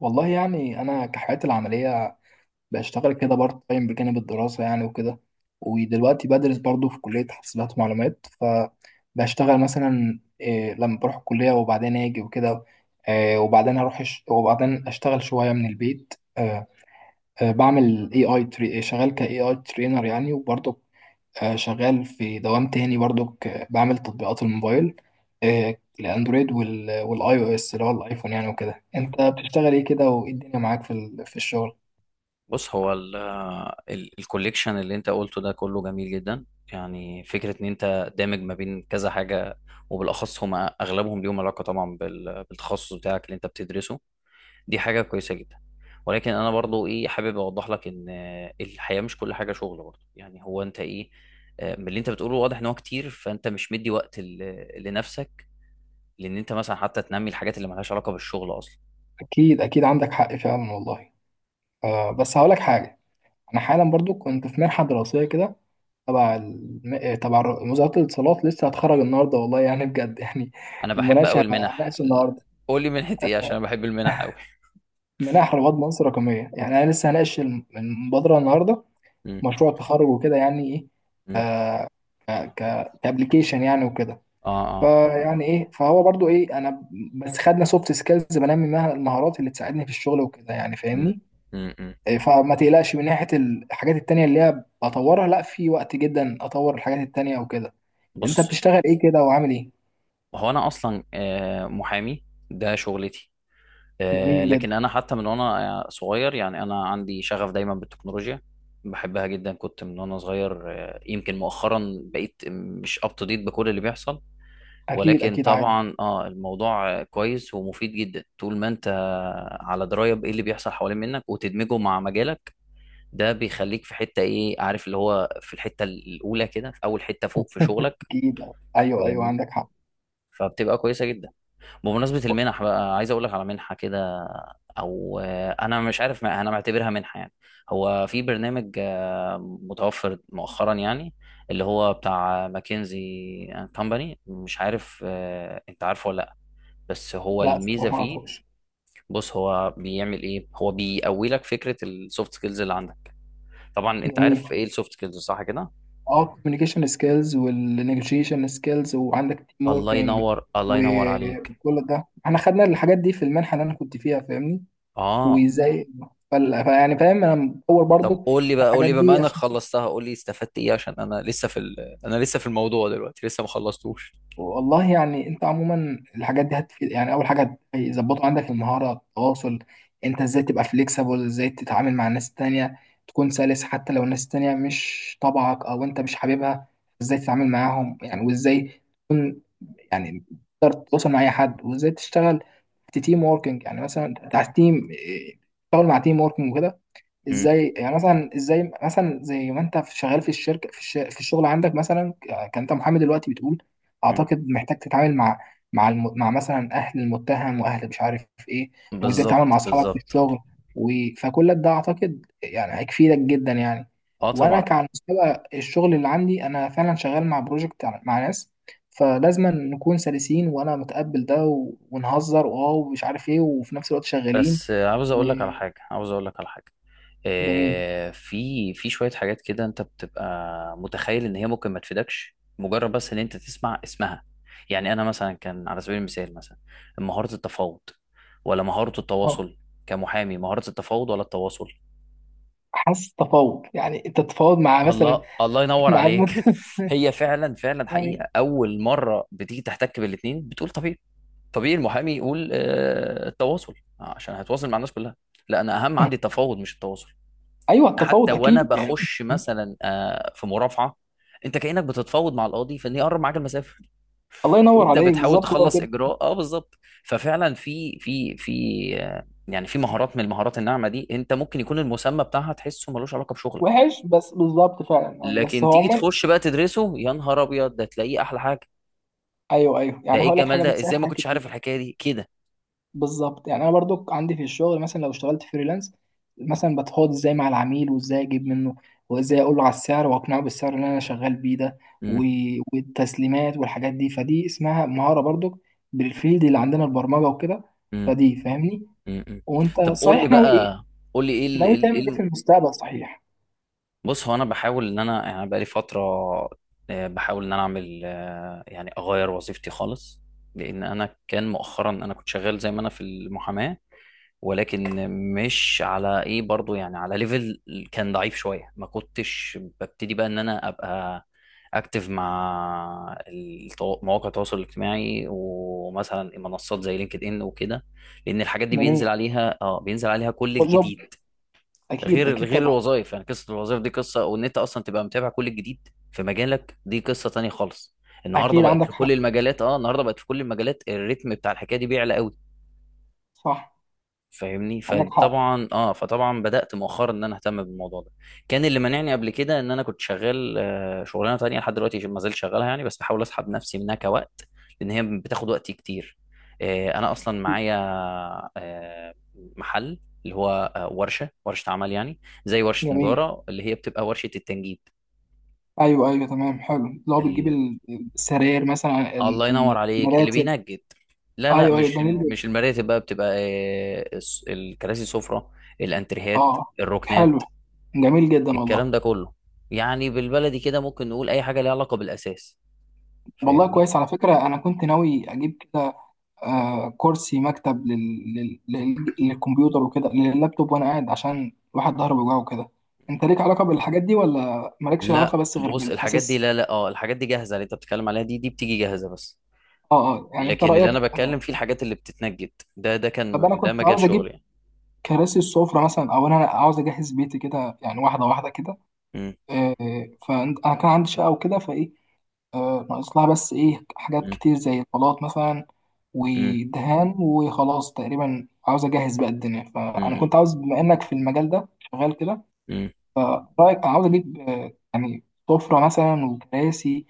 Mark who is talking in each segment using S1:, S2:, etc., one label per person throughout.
S1: والله يعني انا كحياتي العمليه بشتغل كده بارت تايم بجانب الدراسه يعني وكده. ودلوقتي بدرس برضو في كليه حاسبات ومعلومات، فبشتغل مثلا إيه لما بروح الكليه وبعدين اجي وكده. وبعدين اروح وبعدين اشتغل شويه من البيت. بعمل اي اي شغال كاي اي ترينر يعني وبرضو شغال في دوام تاني برضو، بعمل تطبيقات الموبايل. الاندرويد والاي او اس اللي هو الايفون يعني وكده. انت بتشتغل ايه كده وايه الدنيا معاك في الشغل؟
S2: بص هو الكوليكشن اللي انت قلته ده كله جميل جدا. يعني فكرة ان انت دامج ما بين كذا حاجة، وبالاخص هما اغلبهم ليهم علاقة طبعا بالتخصص بتاعك اللي انت بتدرسه. دي حاجة كويسة جدا. ولكن انا برضو ايه حابب اوضح لك ان الحياة مش كل حاجة شغل برضو. يعني هو انت ايه، من اللي انت بتقوله واضح ان هو كتير، فانت مش مدي وقت لنفسك. لان انت مثلا حتى تنمي الحاجات اللي ملهاش علاقة بالشغل اصلا.
S1: اكيد اكيد عندك حق فعلا والله. بس هقولك حاجه، انا حالا برضو كنت في منحه دراسيه كده تبع الم- آه، تبع الر- وزاره الاتصالات، لسه هتخرج النهارده والله يعني بجد يعني.
S2: انا بحب قوي
S1: المناقشه،
S2: المنح.
S1: هناقش النهارده.
S2: قول لي منحة ايه، عشان انا بحب المنح قوي.
S1: منح رواد مصر رقميه يعني، انا لسه هناقش المبادره النهارده، مشروع التخرج وكده يعني ايه.
S2: مم.
S1: ك كابلكيشن يعني وكده.
S2: اه، اه.
S1: فيعني ايه، فهو برضو ايه، انا بس خدنا سوفت سكيلز، بنمي منها المهارات اللي تساعدني في الشغل وكده يعني،
S2: مم.
S1: فاهمني.
S2: مم. مم.
S1: إيه، فما تقلقش من ناحية الحاجات التانية اللي هي بطورها، لا في وقت جدا اطور الحاجات التانية وكده. انت
S2: بص،
S1: بتشتغل ايه كده وعامل ايه؟
S2: هو انا اصلا محامي. ده شغلتي.
S1: جميل جدا.
S2: لكن انا حتى من وانا صغير، يعني انا عندي شغف دايما بالتكنولوجيا. بحبها جدا، كنت من وانا صغير. يمكن مؤخرا بقيت مش اب تو ديت بكل اللي بيحصل.
S1: اكيد
S2: ولكن
S1: اكيد عادي.
S2: طبعا الموضوع كويس ومفيد جدا طول ما انت على درايه بايه اللي بيحصل حوالين منك وتدمجه مع مجالك. ده بيخليك في حته ايه، عارف، اللي هو في الحته الاولى كده، في اول حته فوق في شغلك.
S1: اكيد. ايوه ايوه
S2: فاهمني؟
S1: عندك حق.
S2: فبتبقى كويسه جدا. بمناسبه المنح بقى، عايز اقول لك على منحه كده، او انا مش عارف، ما انا معتبرها منحه يعني. هو في برنامج متوفر مؤخرا يعني، اللي هو بتاع ماكنزي اند كومباني. مش عارف، انت عارفه ولا لا؟ بس هو
S1: لا
S2: الميزه
S1: الصراحة ما
S2: فيه،
S1: اعرفوش.
S2: بص هو بيعمل ايه، هو بيقوي لك فكره السوفت سكيلز اللي عندك. طبعا انت
S1: جميل.
S2: عارف ايه السوفت سكيلز، صح كده؟
S1: اه، كوميونيكيشن سكيلز والنيجوشيشن سكيلز وعندك تيم
S2: الله
S1: ووركينج.
S2: ينور، الله ينور عليك.
S1: وكل ده احنا خدنا الحاجات دي في المنحه اللي انا كنت فيها، فاهمني.
S2: اه.
S1: وازاي؟ فيعني فاهم، انا مطور
S2: طب
S1: برضو
S2: قول لي بقى، قول
S1: الحاجات
S2: لي بما
S1: دي
S2: انك
S1: عشان.
S2: خلصتها، قول لي استفدت ايه، عشان انا لسه في انا لسه في الموضوع، دلوقتي لسه ما خلصتوش.
S1: والله يعني انت عموما الحاجات دي هتفيد يعني. اول حاجه هيظبطوا عندك المهاره، التواصل. انت ازاي تبقى فليكسبل، ازاي تتعامل مع الناس التانية، تكون سلس حتى لو الناس التانية مش طبعك او انت مش حاببها. ازاي تتعامل معاهم يعني، وازاي يعني تقدر تتواصل مع اي حد، وازاي تشتغل في تيم ووركينج. يعني مثلا تحت تيم تشتغل مع تيم ووركينج وكده.
S2: مم.
S1: ازاي يعني، مثلا ازاي، مثلا زي ما انت شغال في الشركه في الشغل عندك مثلا. كان انت محامي دلوقتي بتقول،
S2: مم.
S1: اعتقد محتاج تتعامل مع مع مثلا اهل المتهم واهل مش عارف ايه. وازاي تتعامل
S2: بالظبط،
S1: مع اصحابك في
S2: بالظبط.
S1: الشغل و... فكل ده اعتقد يعني هيفيدك جدا يعني.
S2: اه،
S1: وانا
S2: طبعا.
S1: كعلى مستوى الشغل اللي عندي، انا فعلا شغال مع بروجكت مع ناس، فلازم نكون سلسين، وانا متقبل ده ونهزر واو ومش عارف ايه، وفي نفس الوقت شغالين.
S2: بس عاوز اقول لك على
S1: وجميل.
S2: حاجه، عاوز اقول لك على حاجه. في شويه حاجات كده انت بتبقى متخيل ان هي ممكن ما تفيدكش مجرد بس ان انت تسمع اسمها. يعني انا مثلا، كان على سبيل المثال، مثلا مهاره التفاوض ولا مهاره التواصل؟ كمحامي، مهاره التفاوض ولا التواصل؟
S1: حاسس تفاوض، يعني انت تتفاوض مع مثلا.
S2: الله، الله ينور
S1: مع
S2: عليك.
S1: المت...
S2: هي فعلا، فعلا
S1: يعني
S2: حقيقه، اول مره بتيجي تحتك بالاثنين بتقول طبيعي. طبيعي المحامي يقول التواصل، عشان هيتواصل مع الناس كلها. لا، انا اهم عندي التفاوض مش التواصل.
S1: ايوه،
S2: حتى
S1: التفاوض
S2: وانا
S1: اكيد يعني.
S2: بخش مثلا في مرافعه، انت كانك بتتفاوض مع القاضي في ان يقرب معاك المسافه.
S1: الله ينور
S2: وانت
S1: عليك،
S2: بتحاول
S1: بالظبط هو
S2: تخلص
S1: كده.
S2: اجراء، بالظبط. ففعلا في يعني في مهارات من المهارات الناعمه دي انت ممكن يكون المسمى بتاعها تحسه ملوش علاقه بشغلك.
S1: وحش، بس بالظبط فعلا يعني. بس
S2: لكن
S1: هو
S2: تيجي
S1: عموما
S2: تخش بقى تدرسه، يا نهار ابيض، ده تلاقيه احلى حاجه.
S1: ايوه ايوه
S2: ده
S1: يعني،
S2: ايه
S1: هقول لك
S2: الجمال
S1: حاجه
S2: ده،
S1: بتسهل
S2: ازاي ما
S1: حاجه
S2: كنتش
S1: كتير.
S2: عارف الحكايه دي كده؟
S1: بالظبط يعني. انا برضو عندي في الشغل مثلا لو اشتغلت فريلانس، مثلا بتفاوض ازاي مع العميل، وازاي اجيب منه، وازاي اقول له على السعر واقنعه بالسعر اللي انا شغال بيه ده و...
S2: امم.
S1: والتسليمات والحاجات دي، فدي اسمها مهاره برضو بالفيلد اللي عندنا البرمجه وكده،
S2: امم.
S1: فدي فاهمني.
S2: امم.
S1: وانت
S2: طب قول لي
S1: صحيح ناوي ايه،
S2: بقى، قول لي
S1: ناوي تعمل ايه
S2: ايه؟
S1: في المستقبل صحيح؟
S2: بص، هو انا بحاول ان انا، يعني بقالي فتره بحاول ان انا اعمل، يعني اغير وظيفتي خالص. لان انا كان مؤخرا، انا كنت شغال زي ما انا في المحاماه. ولكن مش على ايه برضو، يعني على ليفل كان ضعيف شويه. ما كنتش ببتدي بقى ان انا ابقى اكتف مع مواقع التواصل الاجتماعي، ومثلا منصات زي لينكد ان وكده. لان الحاجات دي
S1: جميل.
S2: بينزل عليها كل
S1: وجب.
S2: الجديد.
S1: اكيد
S2: غير
S1: اكيد
S2: غير
S1: طبعا.
S2: الوظائف، يعني قصه الوظائف دي قصه، وان انت اصلا تبقى متابع كل الجديد في مجالك دي قصه تانية خالص.
S1: اكيد عندك حق.
S2: النهارده بقت في كل المجالات، الريتم بتاع الحكايه دي بيعلى قوي.
S1: صح.
S2: فاهمني؟
S1: عندك حق.
S2: فطبعا بدات مؤخرا ان انا اهتم بالموضوع ده. كان اللي منعني قبل كده ان انا كنت شغال شغلانه تانية، لحد دلوقتي ما زلت شغالها يعني، بس بحاول اسحب نفسي منها كوقت، لان هي بتاخد وقتي كتير. انا اصلا معايا آه، محل، اللي هو ورشه عمل يعني. زي ورشه
S1: جميل.
S2: نجاره، اللي هي بتبقى ورشه التنجيد.
S1: ايوه ايوه تمام. حلو. لو بتجيب
S2: ال-
S1: السراير مثلا،
S2: الله ينور عليك، اللي
S1: المراتب.
S2: بينجد. لا، لا،
S1: ايوه ايوه جميل
S2: مش
S1: جدا.
S2: المراتب بقى، بتبقى الكراسي، السفره، الانتريهات،
S1: اه.
S2: الركنات،
S1: حلو. جميل جدا
S2: الكلام
S1: والله.
S2: ده كله. يعني بالبلدي كده ممكن نقول اي حاجه ليها علاقه بالاساس.
S1: والله
S2: فاهمني؟
S1: كويس على فكرة، انا كنت ناوي اجيب كده كرسي مكتب للكمبيوتر وكده، لللابتوب، وانا قاعد عشان الواحد ظهره بيوجعه وكده. انت ليك علاقه بالحاجات دي، ولا مالكش علاقه
S2: لا
S1: بس غير
S2: بص، الحاجات دي،
S1: بالاساس؟
S2: لا لا، الحاجات دي جاهزه، اللي انت بتتكلم عليها دي بتيجي جاهزه بس.
S1: اه اه، يعني انت
S2: لكن اللي
S1: رايك
S2: انا بتكلم
S1: آه،
S2: فيه الحاجات اللي بتتنجد. ده
S1: طب انا
S2: كان ده
S1: كنت
S2: مجال
S1: عاوز اجيب
S2: شغلي يعني.
S1: كراسي السفره مثلا، او انا عاوز اجهز بيتي كده يعني، واحده واحده كده.
S2: مم.
S1: فانا كان عندي شقه وكده، فايه ناقص لها بس، ايه، حاجات
S2: مم.
S1: كتير زي البلاط مثلا
S2: مم.
S1: ودهان وخلاص، تقريبا عاوز اجهز بقى الدنيا. فانا
S2: مم.
S1: كنت عاوز، بما انك في المجال ده شغال كده،
S2: مم.
S1: فرأيك عاوز أجيب يعني سفرة مثلا وكراسي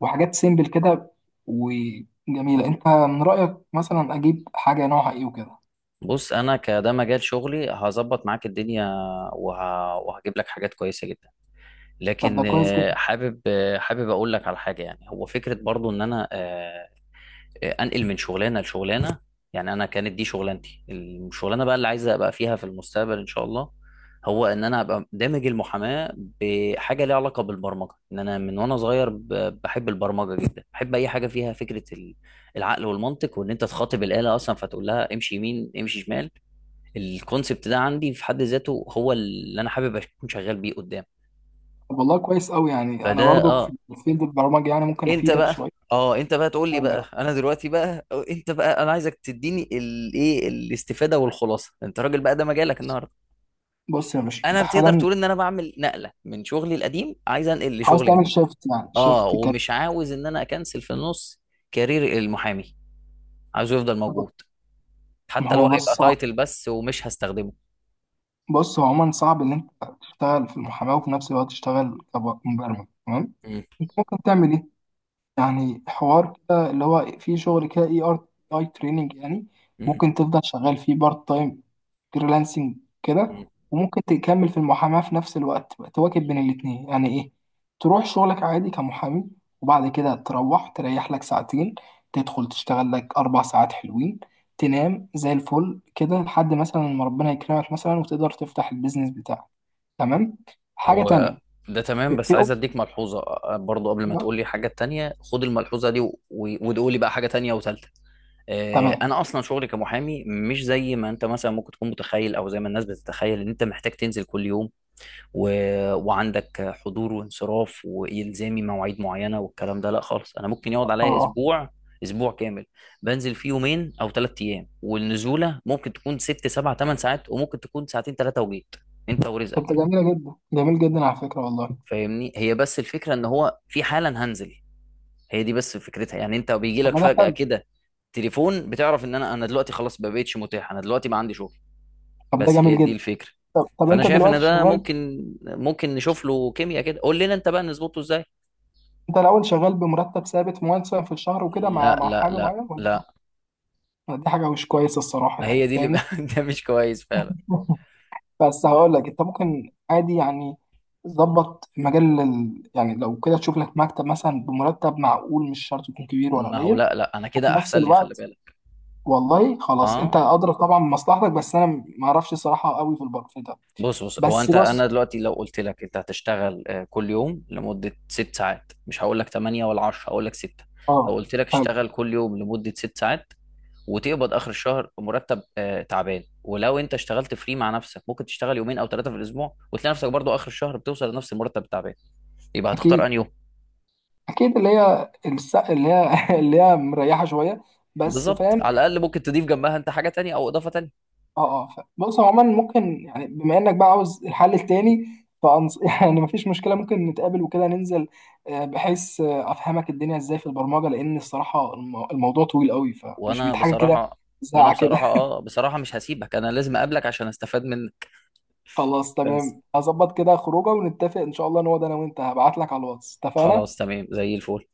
S1: وحاجات سيمبل كده وجميلة. أنت من رأيك مثلا أجيب حاجة نوعها إيه وكده؟
S2: بص، انا كده مجال شغلي هظبط معاك الدنيا، وهجيب لك حاجات كويسه جدا.
S1: طب
S2: لكن
S1: ده كويس جدا.
S2: حابب اقول لك على حاجه. يعني هو فكره برضو ان انا انقل من شغلانه لشغلانه. يعني انا كانت دي شغلانتي. الشغلانه بقى اللي عايز ابقى فيها في المستقبل ان شاء الله، هو ان انا ابقى دامج المحاماه بحاجه ليها علاقه بالبرمجه. ان انا من وانا صغير بحب البرمجه جدا. بحب اي حاجه فيها فكره العقل والمنطق، وان انت تخاطب الاله اصلا فتقول لها امشي يمين، امشي شمال. الكونسبت ده عندي في حد ذاته هو اللي انا حابب اكون شغال بيه قدام.
S1: طب والله كويس أوي يعني. أنا
S2: فده
S1: برضك في
S2: اه.
S1: فيلد البرمجة، يعني ممكن
S2: انت
S1: أفيدك
S2: بقى
S1: شوية.
S2: اه انت بقى تقول لي
S1: أقول
S2: بقى،
S1: لك.
S2: انا دلوقتي بقى، أو انت بقى، انا عايزك تديني الايه الاستفاده والخلاصه. انت راجل بقى، ده مجالك النهارده.
S1: بص يا باشا،
S2: انا،
S1: أنت
S2: بتقدر
S1: حالا
S2: تقول ان انا بعمل نقله من شغلي القديم، عايز انقل
S1: عاوز
S2: لشغل
S1: تعمل
S2: جديد.
S1: شيفت يعني،
S2: اه،
S1: شيفت كارير.
S2: ومش عاوز ان انا اكنسل في النص كارير المحامي. عايزه يفضل موجود،
S1: ما
S2: حتى لو
S1: هو بس
S2: هيبقى
S1: صعب.
S2: تايتل بس ومش هستخدمه.
S1: بص، هو عموما صعب إن أنت تشتغل في المحاماة وفي نفس الوقت تشتغل كمبرمج، تمام.
S2: مم.
S1: أنت ممكن تعمل إيه؟ يعني حوار كده اللي هو في شغل كده، اي ار، اي تريننج يعني،
S2: مم.
S1: ممكن تفضل شغال فيه بارت تايم، فريلانسنج كده.
S2: مم.
S1: وممكن تكمل في المحاماة في نفس الوقت، تبقى تواكب بين الاتنين. يعني ايه، تروح شغلك عادي كمحامي، وبعد كده تروح تريح لك ساعتين، تدخل تشتغل لك أربع ساعات حلوين، تنام زي الفل كده لحد مثلا ما ربنا يكرمك مثلا وتقدر تفتح البيزنس بتاعك. تمام. حاجة
S2: هو
S1: تانية،
S2: ده تمام، بس
S1: في
S2: عايز
S1: أوبشن.
S2: اديك ملحوظه برضو. قبل ما تقول لي حاجه تانية خد الملحوظه دي وتقول لي بقى حاجه تانية وثالثه.
S1: تمام.
S2: انا اصلا شغلي كمحامي مش زي ما انت مثلا ممكن تكون متخيل، او زي ما الناس بتتخيل، ان انت محتاج تنزل كل يوم و... وعندك حضور وانصراف والزامي مواعيد معينه والكلام ده. لا خالص، انا ممكن يقعد
S1: اه،
S2: عليا
S1: آه.
S2: اسبوع كامل بنزل فيه يومين او 3 ايام. والنزوله ممكن تكون ست، سبع، ثمان ساعات، وممكن تكون ساعتين، ثلاثه، وجيت انت
S1: طب ده
S2: ورزقك.
S1: جميلة جدا، جميل جدا على فكرة والله.
S2: فاهمني؟ هي بس الفكره ان هو في حالا هنزل، هي دي بس فكرتها. يعني انت بيجي
S1: طب
S2: لك
S1: ما ده
S2: فجأة
S1: حلو.
S2: كده تليفون بتعرف ان انا دلوقتي خلاص ما بقتش متاح. انا دلوقتي ما عندي شغل.
S1: طب ده
S2: بس هي
S1: جميل
S2: دي
S1: جدا.
S2: الفكرة.
S1: طب طب،
S2: فانا
S1: انت
S2: شايف ان
S1: دلوقتي
S2: ده
S1: شغال،
S2: ممكن نشوف له كيمياء كده. قول لنا انت بقى نظبطه ازاي.
S1: انت الاول شغال بمرتب ثابت مثلا في الشهر وكده، مع
S2: لا،
S1: مع
S2: لا،
S1: محامي
S2: لا،
S1: معين، ولا؟
S2: لا،
S1: دي حاجة مش كويسة الصراحة
S2: ما هي
S1: يعني،
S2: دي اللي.
S1: فاهمني.
S2: ده مش كويس فعلا.
S1: بس هقول لك، انت ممكن عادي يعني، ظبط مجال يعني لو كده تشوف لك مكتب مثلا بمرتب معقول، مش شرط يكون كبير ولا
S2: ما هو
S1: قليل،
S2: لا، لا، انا
S1: وفي
S2: كده
S1: نفس
S2: احسن لي، خلي
S1: الوقت.
S2: بالك.
S1: والله خلاص، انت
S2: اه،
S1: ادرى طبعا بمصلحتك، بس انا ما اعرفش الصراحة قوي في البر في ده.
S2: بص هو
S1: بس
S2: انت، انا
S1: بص.
S2: دلوقتي لو قلت لك انت هتشتغل كل يوم لمده 6 ساعات، مش هقول لك 8 ولا 10، هقول لك 6. لو
S1: اه.
S2: قلت لك
S1: حلو.
S2: اشتغل كل يوم لمده 6 ساعات وتقبض اخر الشهر مرتب تعبان، ولو انت اشتغلت فري مع نفسك ممكن تشتغل يومين او ثلاثه في الاسبوع وتلاقي نفسك برضو اخر الشهر بتوصل لنفس المرتب التعبان، يبقى هتختار
S1: اكيد
S2: انهي يوم؟
S1: اكيد. اللي هي اللي هي اللي هي مريحه شويه، بس
S2: بالظبط. على
S1: فاهم.
S2: الاقل ممكن تضيف جنبها انت حاجه تانية او اضافه تانية.
S1: اه اه. بص، هو عموما ممكن يعني بما انك بقى عاوز الحل التاني. يعني مفيش مشكله، ممكن نتقابل وكده، ننزل بحيث افهمك الدنيا ازاي في البرمجه، لان الصراحه الموضوع طويل قوي، فمش
S2: وانا
S1: بيت حاجه كده،
S2: بصراحه وانا
S1: ساعه كده.
S2: بصراحه اه بصراحه مش هسيبك، انا لازم اقابلك عشان استفاد منك.
S1: خلاص
S2: بس،
S1: تمام، هظبط كده خروجه ونتفق ان شاء الله نقعد انا وانت، هبعت لك على الواتس،
S2: خلاص
S1: اتفقنا؟
S2: تمام زي الفل.